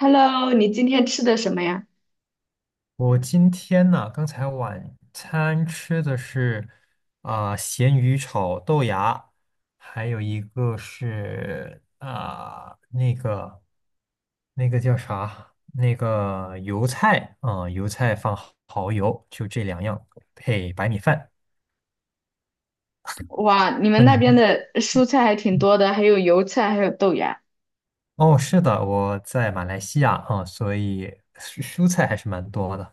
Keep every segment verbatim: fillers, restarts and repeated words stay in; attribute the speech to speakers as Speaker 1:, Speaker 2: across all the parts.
Speaker 1: Hello，你今天吃的什么呀？
Speaker 2: 我今天呢，刚才晚餐吃的是啊、咸鱼炒豆芽，还有一个是啊、那个那个叫啥？那个油菜啊、油菜放蚝油，就这两样配白米饭。
Speaker 1: 哇，你们
Speaker 2: 那
Speaker 1: 那边
Speaker 2: 您
Speaker 1: 的蔬菜还挺多的，还有油菜，还有豆芽。
Speaker 2: 哦，是的，我在马来西亚啊、所以蔬蔬菜还是蛮多的。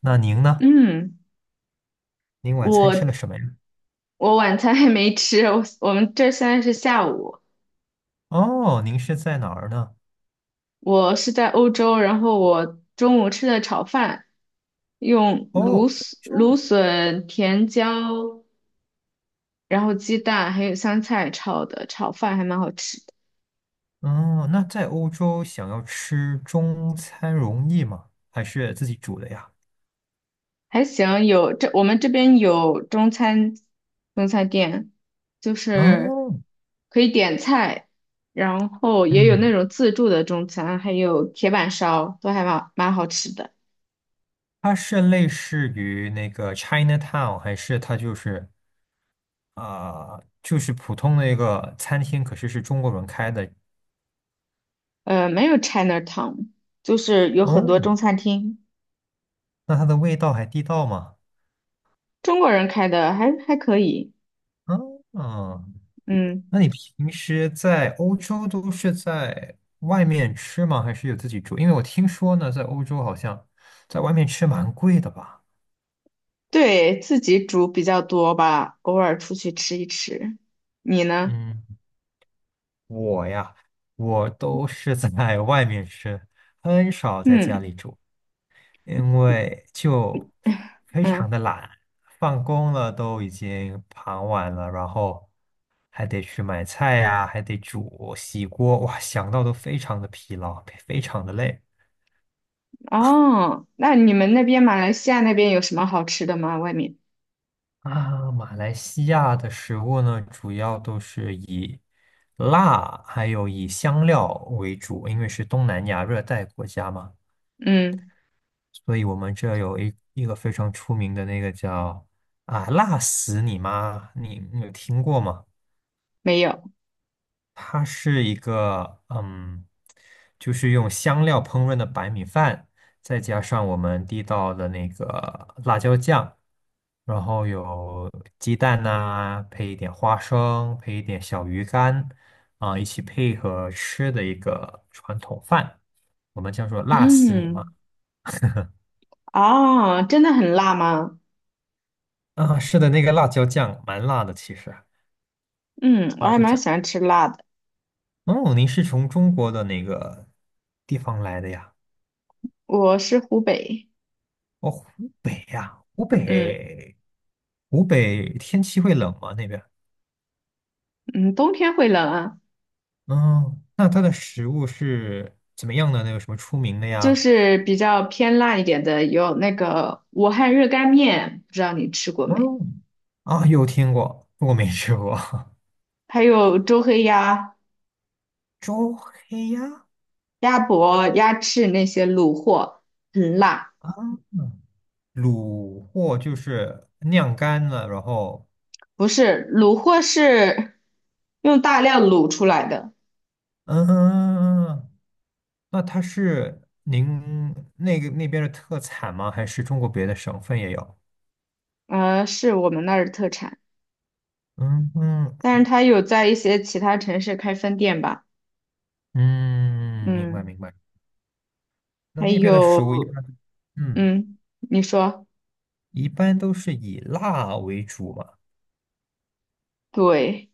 Speaker 2: 那您呢？
Speaker 1: 嗯，
Speaker 2: 您晚餐吃
Speaker 1: 我
Speaker 2: 了什么呀？
Speaker 1: 我晚餐还没吃，我我们这现在是下午，
Speaker 2: 哦，您是在哪儿呢？
Speaker 1: 我是在欧洲，然后我中午吃的炒饭，用
Speaker 2: 哦，
Speaker 1: 芦
Speaker 2: 欧
Speaker 1: 笋、芦
Speaker 2: 洲。
Speaker 1: 笋、甜椒，然后鸡蛋还有香菜炒的，炒饭还蛮好吃。
Speaker 2: 哦，那在欧洲想要吃中餐容易吗？还是自己煮的呀？
Speaker 1: 还行，有这我们这边有中餐中餐店，就是
Speaker 2: 哦，
Speaker 1: 可以点菜，然后也有那
Speaker 2: 嗯，
Speaker 1: 种自助的中餐，还有铁板烧，都还蛮蛮好吃的。
Speaker 2: 它是类似于那个 Chinatown，还是它就是啊、呃就是普通的一个餐厅，可是是中国人开的？
Speaker 1: 呃，没有 Chinatown，就是有很多
Speaker 2: 哦，
Speaker 1: 中餐厅，
Speaker 2: 那它的味道还地道吗？
Speaker 1: 中国人开的还还可以。
Speaker 2: 嗯，
Speaker 1: 嗯，
Speaker 2: 那你平时在欧洲都是在外面吃吗？还是有自己煮？因为我听说呢，在欧洲好像在外面吃蛮贵的吧。
Speaker 1: 对，自己煮比较多吧，偶尔出去吃一吃。你呢？
Speaker 2: 嗯，我呀，我都是在外面吃，很少在家
Speaker 1: 嗯
Speaker 2: 里煮，因为就非常
Speaker 1: 嗯。
Speaker 2: 的懒，放工了都已经傍晚了，然后还得去买菜呀，还得煮、洗锅，哇，想到都非常的疲劳，非常的累。
Speaker 1: 哦，那你们那边马来西亚那边有什么好吃的吗？外面？
Speaker 2: 啊，马来西亚的食物呢，主要都是以辣还有以香料为主，因为是东南亚热带国家嘛。
Speaker 1: 嗯，
Speaker 2: 所以我们这有一一个非常出名的那个叫啊辣死你妈，你你有听过吗？
Speaker 1: 没有。
Speaker 2: 它是一个嗯，就是用香料烹饪的白米饭，再加上我们地道的那个辣椒酱，然后有鸡蛋呐、配一点花生，配一点小鱼干啊、一起配合吃的一个传统饭，我们叫做辣死你妈。
Speaker 1: 嗯，哦，真的很辣吗？
Speaker 2: 啊，是的，那个辣椒酱蛮辣的，其实。
Speaker 1: 嗯，我
Speaker 2: 辣
Speaker 1: 还
Speaker 2: 椒
Speaker 1: 蛮
Speaker 2: 酱。
Speaker 1: 喜欢吃辣的。
Speaker 2: 哦，您是从中国的哪个地方来的呀？
Speaker 1: 我是湖北，
Speaker 2: 哦，湖北呀，湖
Speaker 1: 嗯
Speaker 2: 北，湖北天气会冷吗？那边？
Speaker 1: 嗯，冬天会冷啊，
Speaker 2: 嗯，那它的食物是怎么样的那个什么出名的
Speaker 1: 就
Speaker 2: 呀？
Speaker 1: 是比较偏辣一点的，有那个武汉热干面，不知道你吃过没？
Speaker 2: 嗯，啊，有听过，不过没吃过。
Speaker 1: 还有周黑鸭、
Speaker 2: 周黑鸭，
Speaker 1: 鸭脖、鸭翅那些卤货，很辣。
Speaker 2: 卤货就是晾干了，然后，
Speaker 1: 不是，卤货是用大料卤出来的。
Speaker 2: 嗯，嗯嗯那它是您那个那边的特产吗？还是中国别的省份也有？
Speaker 1: 呃，是我们那儿的特产，
Speaker 2: 嗯嗯
Speaker 1: 但是它有在一些其他城市开分店吧。
Speaker 2: 嗯，明白
Speaker 1: 嗯，
Speaker 2: 明白。那
Speaker 1: 还
Speaker 2: 那边的食物一
Speaker 1: 有，
Speaker 2: 般，嗯，
Speaker 1: 嗯，你说，
Speaker 2: 一般都是以辣为主嘛，
Speaker 1: 对，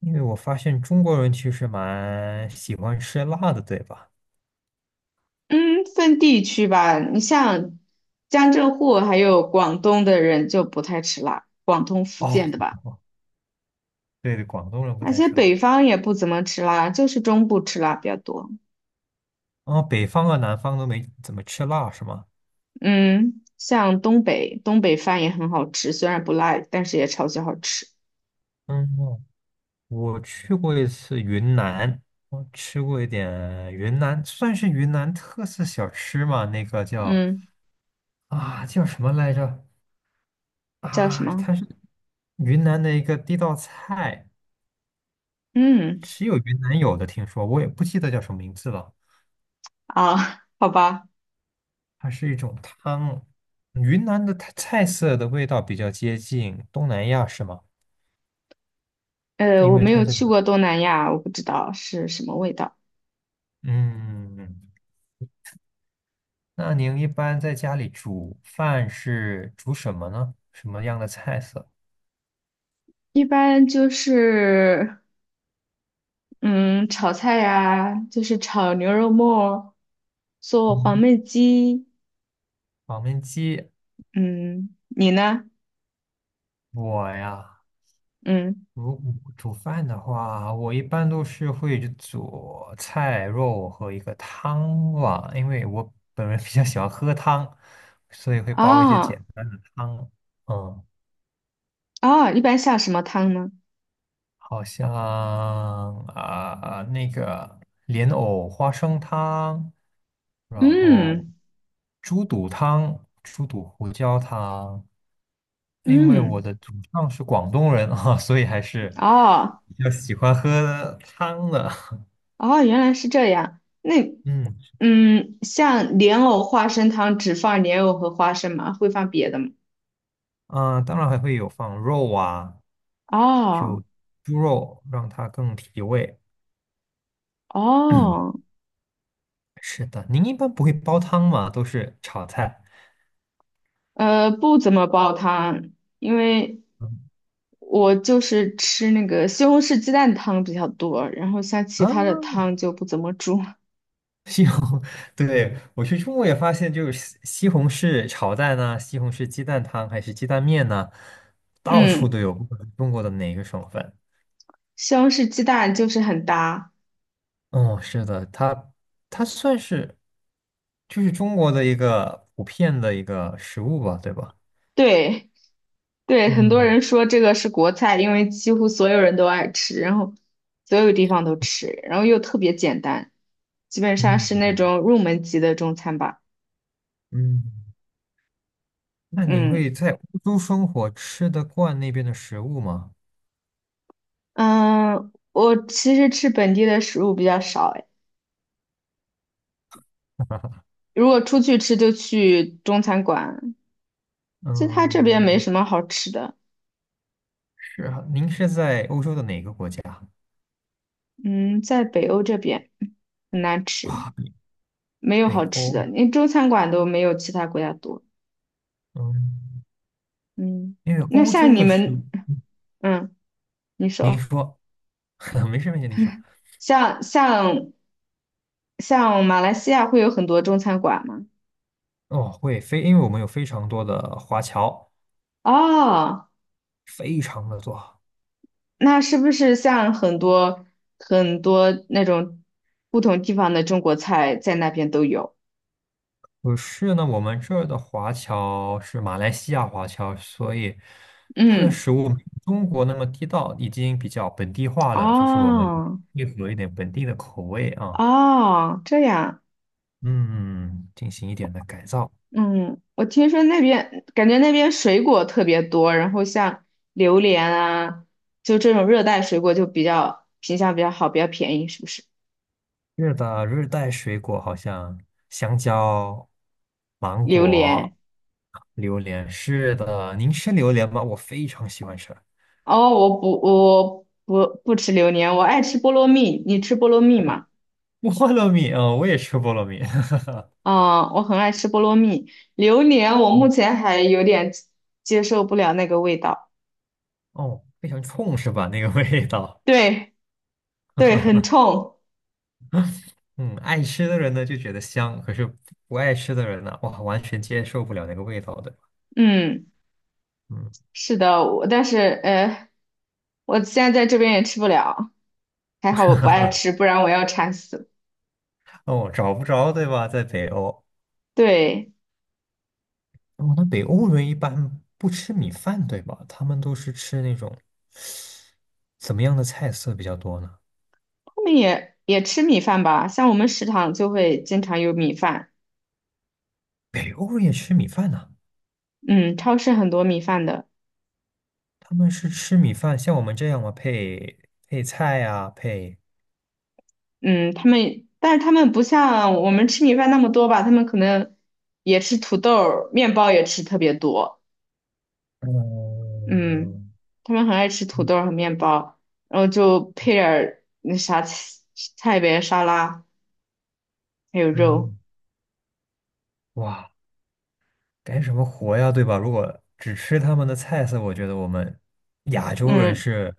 Speaker 2: 因为我发现中国人其实蛮喜欢吃辣的，对吧？
Speaker 1: 嗯，分地区吧，你像江浙沪还有广东的人就不太吃辣，广东、福
Speaker 2: 哦，
Speaker 1: 建的吧，
Speaker 2: 对对，广东人不
Speaker 1: 而
Speaker 2: 太
Speaker 1: 且
Speaker 2: 吃辣。
Speaker 1: 北方也不怎么吃辣，就是中部吃辣比较多，
Speaker 2: 哦，北方和南方都没怎么吃辣，是吗？
Speaker 1: 嗯，像东北，东北饭也很好吃，虽然不辣，但是也超级好吃，
Speaker 2: 嗯，我去过一次云南，我吃过一点云南，算是云南特色小吃嘛，那个叫
Speaker 1: 嗯，
Speaker 2: 啊叫什么来着？
Speaker 1: 叫什
Speaker 2: 啊，
Speaker 1: 么？
Speaker 2: 它是云南的一个地道菜，
Speaker 1: 嗯，
Speaker 2: 只有云南有的，听说我也不记得叫什么名字了。
Speaker 1: 啊，好吧。
Speaker 2: 它是一种汤，云南的它菜色的味道比较接近东南亚，是吗？
Speaker 1: 呃，
Speaker 2: 因
Speaker 1: 我
Speaker 2: 为
Speaker 1: 没
Speaker 2: 它
Speaker 1: 有
Speaker 2: 在，
Speaker 1: 去过东南亚，我不知道是什么味道。
Speaker 2: 嗯，那您一般在家里煮饭是煮什么呢？什么样的菜色？
Speaker 1: 一般就是，嗯，炒菜呀、就是炒牛肉末，做黄
Speaker 2: 嗯，
Speaker 1: 焖鸡。
Speaker 2: 黄焖鸡，
Speaker 1: 嗯，你呢？
Speaker 2: 我呀。
Speaker 1: 嗯，
Speaker 2: 如果煮饭的话，我一般都是会去做菜肉和一个汤吧，因为我本人比较喜欢喝汤，所以会煲一些
Speaker 1: 哦
Speaker 2: 简单的汤。嗯，
Speaker 1: 哦，一般下什么汤呢？
Speaker 2: 好像啊、那个莲藕花生汤，然后
Speaker 1: 嗯
Speaker 2: 猪肚汤、猪肚胡椒汤。因为我
Speaker 1: 嗯，
Speaker 2: 的祖上是广东人啊，所以还是
Speaker 1: 哦
Speaker 2: 比较喜欢喝汤的。
Speaker 1: 哦，原来是这样。那
Speaker 2: 嗯。
Speaker 1: 嗯，像莲藕花生汤只放莲藕和花生吗？会放别的吗？
Speaker 2: 啊，当然还会有放肉啊，
Speaker 1: 哦
Speaker 2: 就猪肉让它更提味。
Speaker 1: 哦，
Speaker 2: 是的，您一般不会煲汤吗？都是炒菜。
Speaker 1: 呃，不怎么煲汤，因为
Speaker 2: 嗯
Speaker 1: 我就是吃那个西红柿鸡蛋汤比较多，然后像其
Speaker 2: 啊，
Speaker 1: 他的汤就不怎么煮。
Speaker 2: 西红，对，我去中国也发现，就是西西红柿炒蛋呢、西红柿鸡蛋汤还是鸡蛋面呢、到处
Speaker 1: 嗯，
Speaker 2: 都有，不管是中国的哪个省份。
Speaker 1: 西红柿鸡蛋就是很搭。
Speaker 2: 哦，是的，它它算是就是中国的一个普遍的一个食物吧，对吧？
Speaker 1: 对对，很多
Speaker 2: 嗯
Speaker 1: 人说这个是国菜，因为几乎所有人都爱吃，然后所有地方都吃，然后又特别简单，基本上是那
Speaker 2: 嗯
Speaker 1: 种入门级的中餐吧。
Speaker 2: 嗯。那你
Speaker 1: 嗯
Speaker 2: 会在欧洲生活，吃得惯那边的食物吗？
Speaker 1: 嗯，我其实吃本地的食物比较少，如果出去吃就去中餐馆，其实它这边没
Speaker 2: 嗯，
Speaker 1: 什么好吃的。
Speaker 2: 是啊，您是在欧洲的哪个国家？
Speaker 1: 嗯，在北欧这边很难吃，没有
Speaker 2: 北
Speaker 1: 好吃
Speaker 2: 欧。
Speaker 1: 的，连中餐馆都没有其他国家多。
Speaker 2: 嗯，
Speaker 1: 嗯，
Speaker 2: 因为
Speaker 1: 那
Speaker 2: 欧
Speaker 1: 像
Speaker 2: 洲
Speaker 1: 你
Speaker 2: 的食物，
Speaker 1: 们，嗯，你
Speaker 2: 您
Speaker 1: 说，
Speaker 2: 说，没事没事，您说。
Speaker 1: 像像像马来西亚会有很多中餐馆吗？
Speaker 2: 哦，会非，因为我们有非常多的华侨，
Speaker 1: 哦，
Speaker 2: 非常的多。
Speaker 1: 那是不是像很多很多那种不同地方的中国菜在那边都有？
Speaker 2: 不是呢，我们这儿的华侨是马来西亚华侨，所以它的
Speaker 1: 嗯，
Speaker 2: 食物没有中国那么地道，已经比较本地化了，就是我们
Speaker 1: 哦。
Speaker 2: 配合一点本地的口味啊，
Speaker 1: 哦，这样，
Speaker 2: 嗯，进行一点的改造。
Speaker 1: 嗯，我听说那边感觉那边水果特别多，然后像榴莲啊，就这种热带水果就比较品相比较好，比较便宜，是不是？
Speaker 2: 是的，热带水果好像香蕉、芒
Speaker 1: 榴莲，
Speaker 2: 果、榴莲。是的，您吃榴莲吗？我非常喜欢吃
Speaker 1: 哦，我不，我不不吃榴莲，我爱吃菠萝蜜，你吃菠萝蜜吗？
Speaker 2: 菠萝蜜啊，我也吃菠萝蜜。
Speaker 1: 啊、我很爱吃菠萝蜜，榴莲我目 前还有点接受不了那个味道，
Speaker 2: 哦，非常冲是吧？那个味道。
Speaker 1: 对对，很冲，
Speaker 2: 嗯，爱吃的人呢就觉得香，可是不爱吃的人呢，哇，完全接受不了那个味道，的。
Speaker 1: 嗯，
Speaker 2: 嗯，
Speaker 1: 是的，我但是呃。我现在在这边也吃不了，还好我不爱吃，不然我要馋死。
Speaker 2: 哦，找不着，对吧？在北欧，
Speaker 1: 对，
Speaker 2: 哦，那北欧人一般不吃米饭，对吧？他们都是吃那种怎么样的菜色比较多呢？
Speaker 1: 他们也也吃米饭吧，像我们食堂就会经常有米饭，
Speaker 2: 北欧人也吃米饭呢、
Speaker 1: 嗯，超市很多米饭的，
Speaker 2: 他们是吃米饭，像我们这样吗？配配菜啊，配
Speaker 1: 嗯，他们，但是他们不像我们吃米饭那么多吧，他们可能也吃土豆儿面包也吃特别多，嗯，
Speaker 2: 嗯
Speaker 1: 他们很爱吃土
Speaker 2: 嗯，
Speaker 1: 豆儿和面包，然后就配点儿那啥菜菜呗，沙拉还有肉，
Speaker 2: 嗯哇。干什么活呀，对吧？如果只吃他们的菜色，我觉得我们亚洲人
Speaker 1: 嗯。
Speaker 2: 是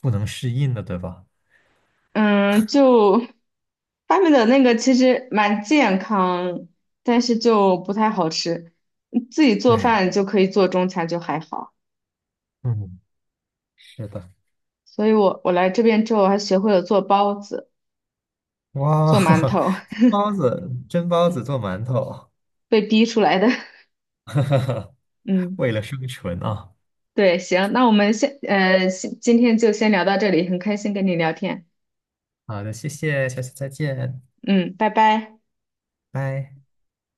Speaker 2: 不能适应的，对吧？
Speaker 1: 嗯，就发明的那个其实蛮健康，但是就不太好吃。自己做
Speaker 2: 对，
Speaker 1: 饭就可以做中餐，就还好。
Speaker 2: 嗯，是的。
Speaker 1: 所以我我来这边之后还学会了做包子、
Speaker 2: 哇，
Speaker 1: 做馒 头，
Speaker 2: 蒸包子，蒸包子做馒头，
Speaker 1: 被逼出来的。嗯，
Speaker 2: 为了生存啊！
Speaker 1: 对，行，那我们先呃，先今天就先聊到这里，很开心跟你聊天。
Speaker 2: 好的，谢谢，下次再见，
Speaker 1: 嗯，拜拜。
Speaker 2: 拜。